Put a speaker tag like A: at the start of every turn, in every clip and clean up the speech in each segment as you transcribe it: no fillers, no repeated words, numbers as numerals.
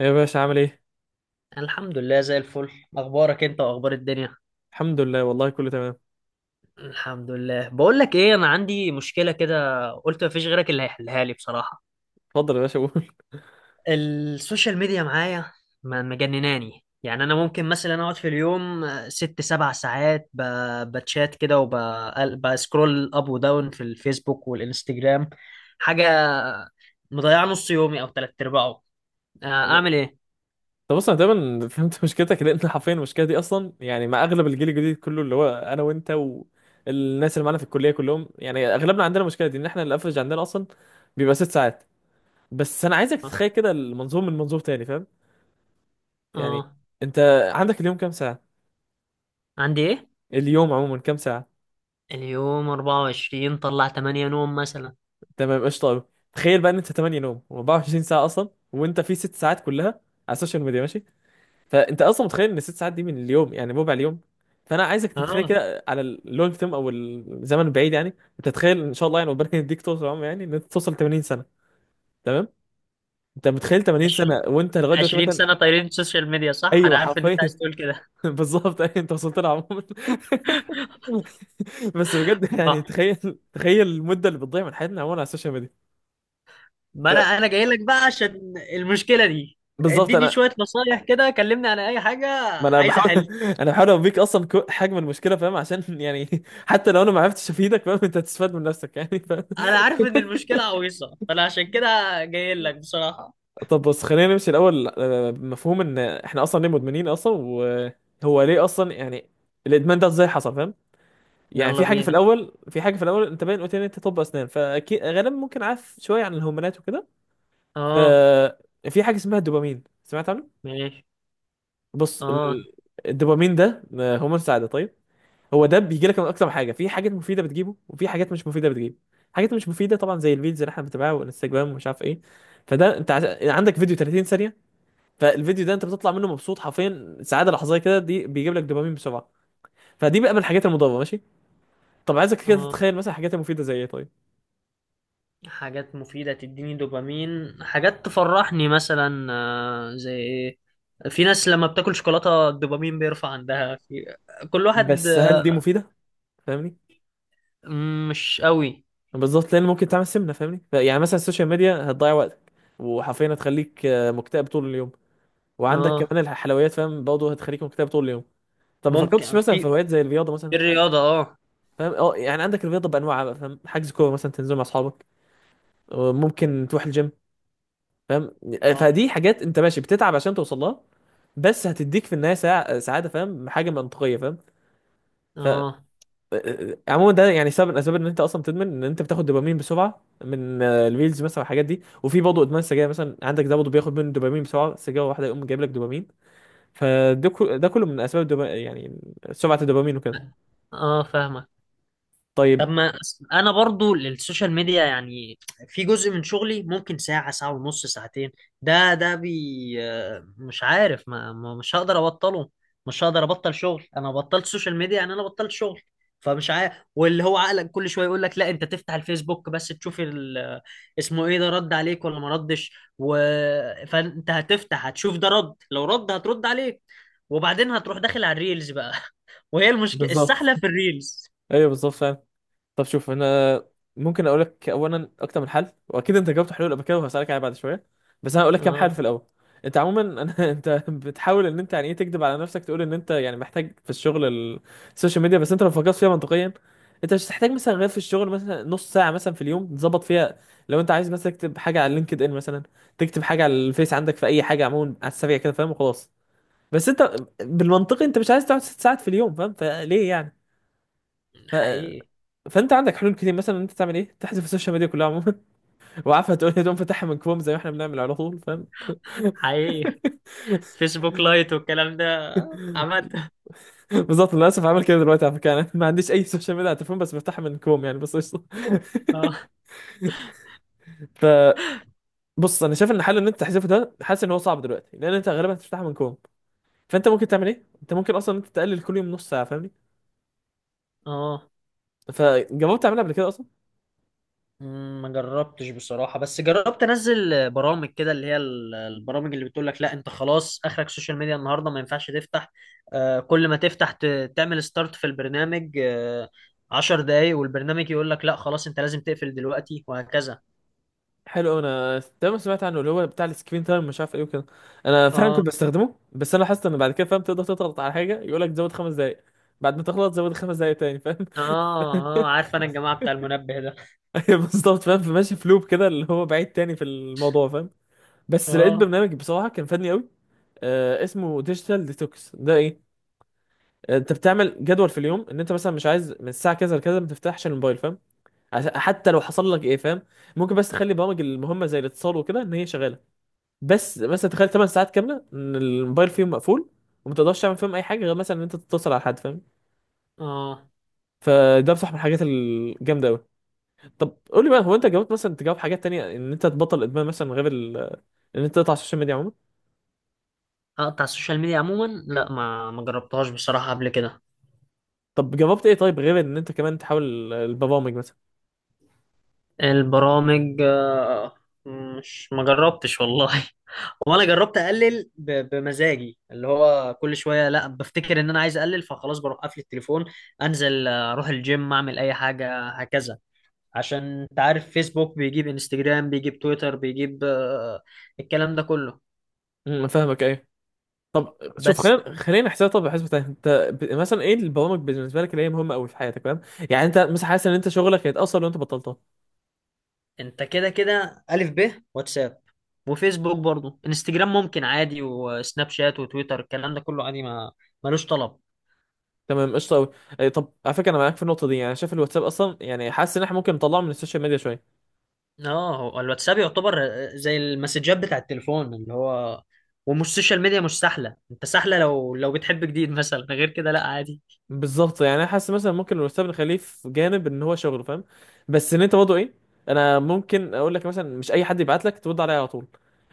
A: يا باشا عامل ايه؟
B: الحمد لله زي الفل. اخبارك انت واخبار الدنيا؟
A: الحمد لله والله كله تمام.
B: الحمد لله. بقول لك ايه، انا عندي مشكله كده، قلت مفيش غيرك اللي هيحلها لي بصراحه.
A: اتفضل يا باشا قول
B: السوشيال ميديا معايا مجنناني، يعني انا ممكن مثلا اقعد في اليوم ست سبع ساعات بتشات كده، وبسكرول اب وداون في الفيسبوك والانستجرام. حاجه مضيعه نص يومي او تلات ارباعه.
A: انا
B: اعمل ايه؟
A: طب بص، انا تقريبا فهمت مشكلتك لان حرفيا المشكله دي اصلا، يعني مع اغلب الجيل الجديد كله اللي هو انا وانت، والناس اللي معانا في الكليه كلهم، يعني اغلبنا عندنا المشكله دي، ان احنا الافرج عندنا اصلا بيبقى ست ساعات. بس انا عايزك
B: اه.
A: تتخيل كده المنظور من منظور تاني، فاهم؟ يعني
B: آه.
A: انت عندك اليوم كام ساعه؟
B: عندي ايه؟
A: اليوم عموما كام ساعه؟
B: اليوم 24، طلع 8 نوم مثلا.
A: تمام قشطه قوي. تخيل بقى ان انت 8 نوم و24 ساعه اصلا، وانت في ست ساعات كلها على السوشيال ميديا، ماشي؟ فانت اصلا متخيل ان ست ساعات دي من اليوم يعني ربع اليوم. فانا عايزك تتخيل
B: اه.
A: كده على اللونج تيرم او الزمن البعيد، يعني انت تتخيل ان شاء الله، يعني ربنا يديك طول العمر، يعني ان انت توصل 80 سنه. تمام. انت متخيل 80 سنه
B: 20.
A: وانت لغايه دلوقتي
B: 20
A: مثلا؟
B: سنة طايرين السوشيال ميديا، صح؟ أنا
A: ايوه
B: عارف إن أنت عايز
A: حرفيا
B: تقول كده.
A: بالظبط، أيوة، انت وصلت لها عموما بس بجد، يعني
B: آه.
A: تخيل. تخيل المده اللي بتضيع من حياتنا عموما على السوشيال ميديا.
B: ما أنا جاي لك بقى عشان المشكلة دي،
A: فبالظبط
B: اديني
A: انا،
B: شوية نصايح كده، كلمني عن أي حاجة.
A: ما انا
B: عايز
A: بحاول
B: أحل.
A: انا بحاول اوريك اصلا حجم المشكله، فاهم؟ عشان يعني حتى لو انا ما عرفتش افيدك، فاهم، انت هتستفاد من نفسك يعني، فاهم.
B: أنا عارف إن المشكلة عويصة، فأنا عشان كده جاي لك بصراحة.
A: طب بص خلينا نمشي الاول، بمفهوم ان احنا اصلا ليه مدمنين اصلا، وهو ليه اصلا، يعني الادمان ده ازاي حصل، فاهم؟ يعني
B: يلا
A: في حاجه في
B: بينا.
A: الاول، انت باين قلت لي إن انت طب اسنان، فاكيد غالبا ممكن عارف شويه عن الهرمونات وكده.
B: آه.
A: ففي حاجه اسمها الدوبامين، سمعت عنه؟
B: ماشي.
A: بص،
B: آه.
A: الدوبامين ده، هرمون السعاده، طيب. هو ده بيجي لك من اكتر من حاجه، في حاجات مفيده بتجيبه وفي حاجات مش مفيده بتجيبه. حاجات مش مفيده طبعا زي الفيديوز اللي احنا بنتابعها والانستجرام ومش عارف ايه. فده انت عندك فيديو 30 ثانيه، فالفيديو ده انت بتطلع منه مبسوط، حرفيا سعاده لحظيه كده، دي بيجيب لك دوبامين بسرعه. فدي بقى من الحاجات المضره، ماشي؟ طب عايزك كده
B: آه.
A: تتخيل مثلا الحاجات المفيده زي ايه، طيب.
B: حاجات مفيدة تديني دوبامين، حاجات تفرحني مثلا زي إيه؟ في ناس لما بتاكل شوكولاتة الدوبامين بيرفع عندها. في كل واحد.
A: بس هل دي مفيده؟ فاهمني؟
B: مش قوي.
A: بالظبط، لان ممكن تعمل سمنه، فاهمني؟ يعني مثلا السوشيال ميديا هتضيع وقتك، وحرفيا هتخليك مكتئب طول اليوم. وعندك
B: اه.
A: كمان الحلويات، فاهم؟ برضه هتخليك مكتئب طول اليوم. طب ما فكرتش
B: ممكن.
A: مثلا في
B: في
A: هوايات زي الرياضه مثلا؟
B: في الرياضة، اه.
A: فاهم، اه، يعني عندك الرياضه بانواعها بقى، فاهم؟ حجز كوره مثلا تنزل مع اصحابك، وممكن تروح الجيم، فاهم؟
B: اه.
A: فدي حاجات انت ماشي بتتعب عشان توصل لها، بس هتديك في النهايه سعاده، فاهم؟ حاجه منطقيه، فاهم؟ ف آه،
B: اه.
A: آه، عموما ده يعني سبب من الاسباب ان انت اصلا بتدمن، ان انت بتاخد دوبامين بسرعه من، الريلز مثلا والحاجات دي، وفي برضه ادمان السجاير مثلا عندك، ده برضه بياخد منه دوبامين بسرعه، سجاره واحده يقوم جايب لك دوبامين. فده ده كله من اسباب يعني سرعه الدوبامين وكده.
B: فاهمك. طب
A: طيب.
B: ما أس- انا برضو للسوشيال ميديا يعني في جزء من شغلي ممكن ساعة، ساعة ونص، ساعتين. ده ده بي آه، مش عارف، مش هقدر ابطله. مش هقدر ابطل شغل، انا بطلت سوشيال ميديا يعني انا بطلت شغل. فمش عارف، واللي هو عقلك كل شوية يقول لك لا انت تفتح الفيسبوك بس تشوف ال... آه، اسمه ايه ده رد عليك ولا ما ردش. و... فانت هتفتح، هتشوف ده رد، لو رد هترد عليك، وبعدين هتروح داخل على الريلز بقى. وهي المشكلة
A: بالظبط،
B: السحلة في الريلز.
A: ايوه بالظبط فعلا. طب شوف، انا ممكن اقول لك اولا اكتر من حل، واكيد انت جاوبت حلول قبل كده، وهسالك عليها بعد شويه. بس انا هقول لك كام حل
B: اه.
A: في الاول. انت عموما، انا انت بتحاول ان انت يعني ايه، تكذب على نفسك، تقول ان انت يعني محتاج في الشغل السوشيال ميديا، بس انت لو فكرت فيها منطقيا، انت مش هتحتاج مثلا غير في الشغل مثلا نص ساعه مثلا في اليوم، تظبط فيها. لو انت عايز مثلا تكتب حاجه على لينكد ان مثلا، تكتب حاجه على الفيس، عندك في اي حاجه عموما على السريع كده، فاهم؟ وخلاص. بس انت بالمنطقي انت مش عايز تقعد ست ساعات في اليوم، فاهم؟ فليه يعني؟
B: حقيقي.
A: فانت عندك حلول كتير، مثلا انت تعمل ايه، تحذف السوشيال ميديا كلها عموما وعارفه تقول لي، تقوم فاتحها من كروم زي ما احنا بنعمل على طول، فاهم؟
B: حقيقي، فيسبوك لايت والكلام ده عملت.
A: بالظبط، للاسف عامل كده دلوقتي، على فكره انا ما عنديش اي سوشيال ميديا على التليفون، بس بفتحها من كروم يعني، بس قشطه
B: اه.
A: فبص، انا شايف ان الحل ان انت تحذفه، ده حاسس ان هو صعب دلوقتي لان انت غالبا هتفتحها من كروم. فانت ممكن تعمل ايه، انت ممكن اصلا انت تقلل كل يوم نص ساعه، فاهمني؟
B: اه.
A: فجربت تعملها قبل كده؟
B: ما جربتش بصراحة، بس جربت انزل برامج كده اللي هي البرامج اللي بتقول لك لا انت خلاص اخرك سوشيال ميديا النهاردة، ما ينفعش تفتح. آه، كل ما تفتح تعمل ستارت في البرنامج، آه، عشر دقايق، والبرنامج يقول لك لا خلاص انت لازم تقفل دلوقتي، وهكذا.
A: حلو، انا دايما سمعت عنه اللي هو بتاع السكرين تايم مش عارف ايه وكده. انا فعلا
B: اه.
A: كنت بستخدمه، بس انا حاسس ان بعد كده، فاهم، تقدر تضغط على حاجه يقول لك زود خمس دقائق. بعد ما تغلط زود خمس دقائق تاني، فاهم؟
B: اه. اه. عارف انا الجماعة بتاع المنبه ده.
A: ايوه بالظبط فاهم، فماشي في لوب كده اللي هو بعيد تاني في الموضوع، فاهم؟ بس لقيت
B: اه.
A: برنامج بصراحه كان فادني قوي. آه، اسمه ديجيتال ديتوكس ده ايه، انت بتعمل جدول في اليوم، ان انت مثلا مش عايز من الساعه كذا لكذا ما تفتحش الموبايل، فاهم؟ حتى لو حصل لك ايه، فاهم، ممكن بس تخلي برامج المهمه زي الاتصال وكده ان هي شغاله. بس مثلا تخيل 8 ساعات كامله ان الموبايل فيهم مقفول، وما تقدرش تعمل فيهم اي حاجه غير مثلا ان انت تتصل على حد، فاهم؟
B: اه.
A: فده بصح من الحاجات الجامده قوي. طب قول لي بقى، هو انت جربت مثلا تجاوب حاجات تانية ان انت تبطل ادمان مثلا غير ان انت تقطع السوشيال ميديا عموما؟
B: اقطع السوشيال ميديا عموما، لا ما جربتهاش بصراحة قبل كده.
A: طب جربت ايه طيب، غير ان انت كمان تحاول البرامج مثلا؟
B: البرامج، مش ما جربتش والله. وانا جربت اقلل بمزاجي، اللي هو كل شويه لا بفتكر ان انا عايز اقلل، فخلاص بروح قافل التليفون، انزل، اروح الجيم، اعمل اي حاجه هكذا. عشان انت عارف فيسبوك بيجيب انستجرام، بيجيب تويتر، بيجيب الكلام ده كله.
A: فاهمك، ايه. شوف
B: بس.
A: خلينا، خلينا نحسبها، طب بحسبه تاني، انت مثلا ايه البرامج بالنسبه لك اللي هي مهمه قوي في حياتك، فاهم؟ يعني انت مثلا حاسس ان انت شغلك هيتاثر لو انت بطلتها؟
B: انت كده كده الف ب واتساب، وفيسبوك برضو، انستجرام ممكن عادي، وسناب شات وتويتر الكلام ده كله عادي، ما ملوش طلب.
A: تمام قشطة أوي. طب على فكرة، أنا معاك في النقطة دي، يعني شايف الواتساب أصلا، يعني حاسس إن إحنا ممكن نطلعه من السوشيال ميديا شوية.
B: اه، هو الواتساب يعتبر زي المسجات بتاع التليفون، اللي هو ومش سوشيال ميديا. مش سهله، انت سهله لو بتحب جديد مثلا، غير كده لا عادي.
A: بالظبط، يعني أنا حاسس مثلا ممكن الواتساب نخليه في جانب إن هو شغله، فاهم؟ بس إن أنت برضه إيه، أنا ممكن أقول لك مثلا مش أي حد يبعت لك ترد عليه على طول.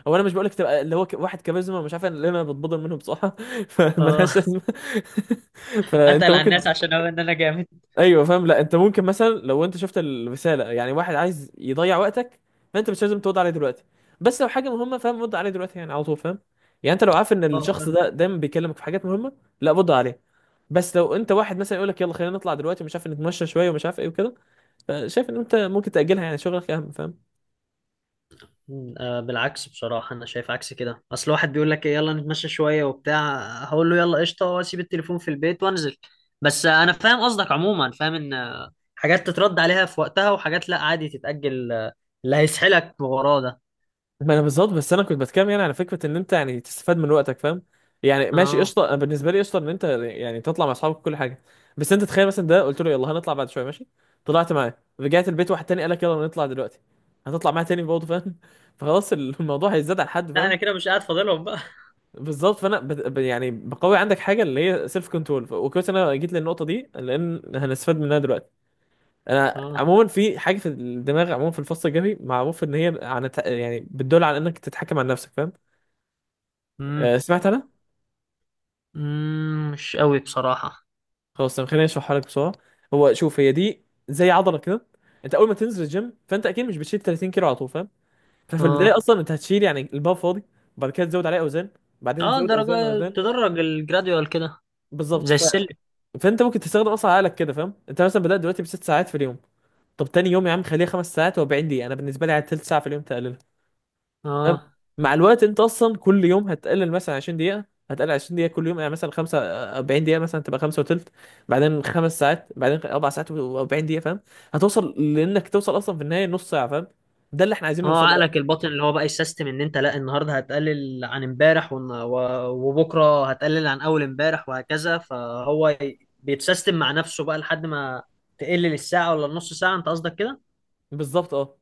A: هو أنا مش بقول لك تبقى اللي هو واحد كاريزما مش عارف، أنا اللي أنا بتبضل منه بصراحة فملهاش
B: اه.
A: لازمة فأنت
B: اتقل على
A: ممكن،
B: الناس عشان اقول ان انا جامد.
A: ايوه فاهم، لا انت ممكن مثلا لو انت شفت الرساله، يعني واحد عايز يضيع وقتك، فانت مش لازم ترد عليه دلوقتي. بس لو حاجه مهمه، فاهم، رد عليه دلوقتي يعني على طول، فاهم؟ يعني انت لو عارف ان
B: اه،
A: الشخص
B: فاهم.
A: ده دايما بيكلمك في حاجات مهمه، لا رد عليه. بس لو انت واحد مثلا يقول لك يلا خلينا نطلع دلوقتي، مش عارف نتمشى شويه ومش عارف ايه وكده، فشايف ان انت ممكن تاجلها، يعني شغلك اهم، فاهم؟
B: بالعكس بصراحه، انا شايف عكس كده. اصل واحد بيقول لك يلا نتمشى شويه وبتاع، هقول له يلا قشطه، واسيب التليفون في البيت وانزل. بس انا فاهم قصدك عموما، فاهم ان حاجات تترد عليها في وقتها، وحاجات لا عادي تتاجل، اللي هيسحلك وراه ده.
A: ما انا بالظبط، بس انا كنت بتكلم يعني على فكره ان انت يعني تستفاد من وقتك، فاهم؟ يعني ماشي
B: اه.
A: قشطه، انا بالنسبه لي قشطه ان انت يعني تطلع مع اصحابك كل حاجه. بس انت تخيل مثلا ده قلت له يلا هنطلع بعد شويه، ماشي، طلعت معاه، رجعت البيت واحد تاني قال لك يلا نطلع دلوقتي، هتطلع معاه تاني برضه، فاهم؟ فخلاص الموضوع هيزداد على حد،
B: لا
A: فاهم؟
B: انا كده مش قاعد فاضلهم.
A: بالظبط، فانا يعني بقوي عندك حاجه اللي هي سيلف كنترول، وكويس إن انا جيت للنقطه دي لان هنستفاد منها دلوقتي. انا
B: اه.
A: عموما، في حاجه في الدماغ عموما في الفص الجبهي، معروف ان هي عن يعني بتدل على انك تتحكم عن نفسك، فاهم؟
B: امم
A: سمعت انا.
B: مش قوي بصراحة.
A: خلاص طب خليني اشرحها لك بسرعه. هو شوف، هي دي زي عضله كده. انت اول ما تنزل الجيم، فانت اكيد مش بتشيل 30 كيلو على طول، فاهم؟ ففي البدايه
B: اه.
A: اصلا انت هتشيل يعني البار فاضي، بعد كده تزود عليه اوزان، بعدين
B: اه،
A: تزود
B: درجة،
A: اوزان واوزان.
B: تدرج، الجراديوال كده،
A: بالظبط
B: زي السلم.
A: فانت ممكن تستخدم اصلا عقلك كده، فاهم؟ انت مثلا بدات دلوقتي بست ساعات في اليوم، طب تاني يوم يا عم خليها خمس ساعات و40 دقيقه، انا بالنسبه لي على تلت ساعه في اليوم، تقللها. تمام؟
B: اه.
A: مع الوقت انت اصلا كل يوم هتقلل مثلا 20 دقيقه، هتقلل 20 دقيقه كل يوم، يعني مثلا 45 دقيقه، مثلا تبقى 5 وثلث، بعدين خمس ساعات، بعدين اربع ساعات و40 دقيقه، فاهم؟ هتوصل لانك توصل اصلا في النهايه نص ساعه، فاهم؟ ده اللي احنا عايزين
B: اه،
A: نوصله بقى.
B: عقلك الباطن اللي هو بقى السيستم، ان انت لا النهارده هتقلل عن امبارح وبكره هتقلل عن اول امبارح، وهكذا، فهو بيتسيستم مع نفسه بقى لحد ما تقلل الساعة ولا النص ساعة، انت قصدك كده؟
A: بالظبط، اه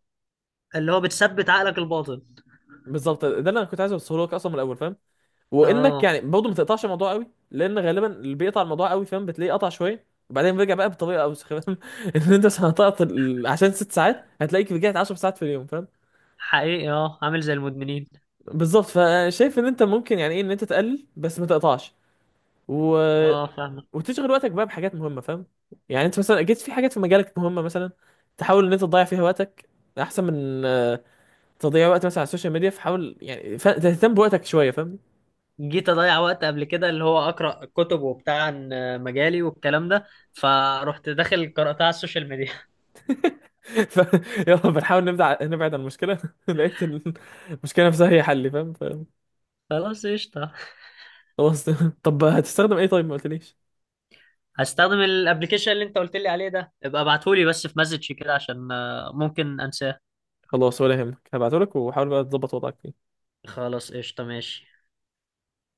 B: اللي هو بتثبت عقلك الباطن.
A: بالظبط، ده اللي انا كنت عايز اوصله لك اصلا من الاول، فاهم؟ وانك
B: اه،
A: يعني برضه ما تقطعش الموضوع قوي، لان غالبا اللي بيقطع الموضوع قوي، فاهم، بتلاقيه قطع شويه وبعدين بيرجع بقى بطريقه اوسخ، فاهم؟ ان انت عشان هتقطع عشان ست ساعات، هتلاقيك رجعت 10 ساعات في اليوم، فاهم؟
B: حقيقي. اه، عامل زي المدمنين.
A: بالظبط، فشايف ان انت ممكن يعني ايه ان انت تقلل بس ما تقطعش، و...
B: اه، فاهمك.
A: وتشغل وقتك بقى بحاجات مهمه، فاهم؟ يعني انت مثلا اكيد في حاجات في مجالك مهمه مثلا، تحاول ان انت تضيع فيها وقتك احسن من، تضيع وقت مثلا على السوشيال ميديا، فحاول يعني تهتم بوقتك شويه، فاهم؟
B: جيت اضيع وقت قبل كده اللي هو اقرا كتب وبتاع عن مجالي والكلام ده، فروحت داخل قراتها على السوشيال ميديا.
A: ف... يلا بنحاول نبدع نبعد عن المشكله لقيت المشكله نفسها هي حل، فاهم؟
B: خلاص قشطه.
A: خلاص طب هتستخدم ايه طيب، ما قلتليش.
B: هستخدم الابلكيشن اللي انت قلت لي عليه ده، ابقى ابعتهولي بس في مسج كده عشان ممكن انساه.
A: خلاص ولا يهمك، هبعتهولك وحاول بقى تظبط وضعك فيه.
B: خلاص قشطه، ماشي.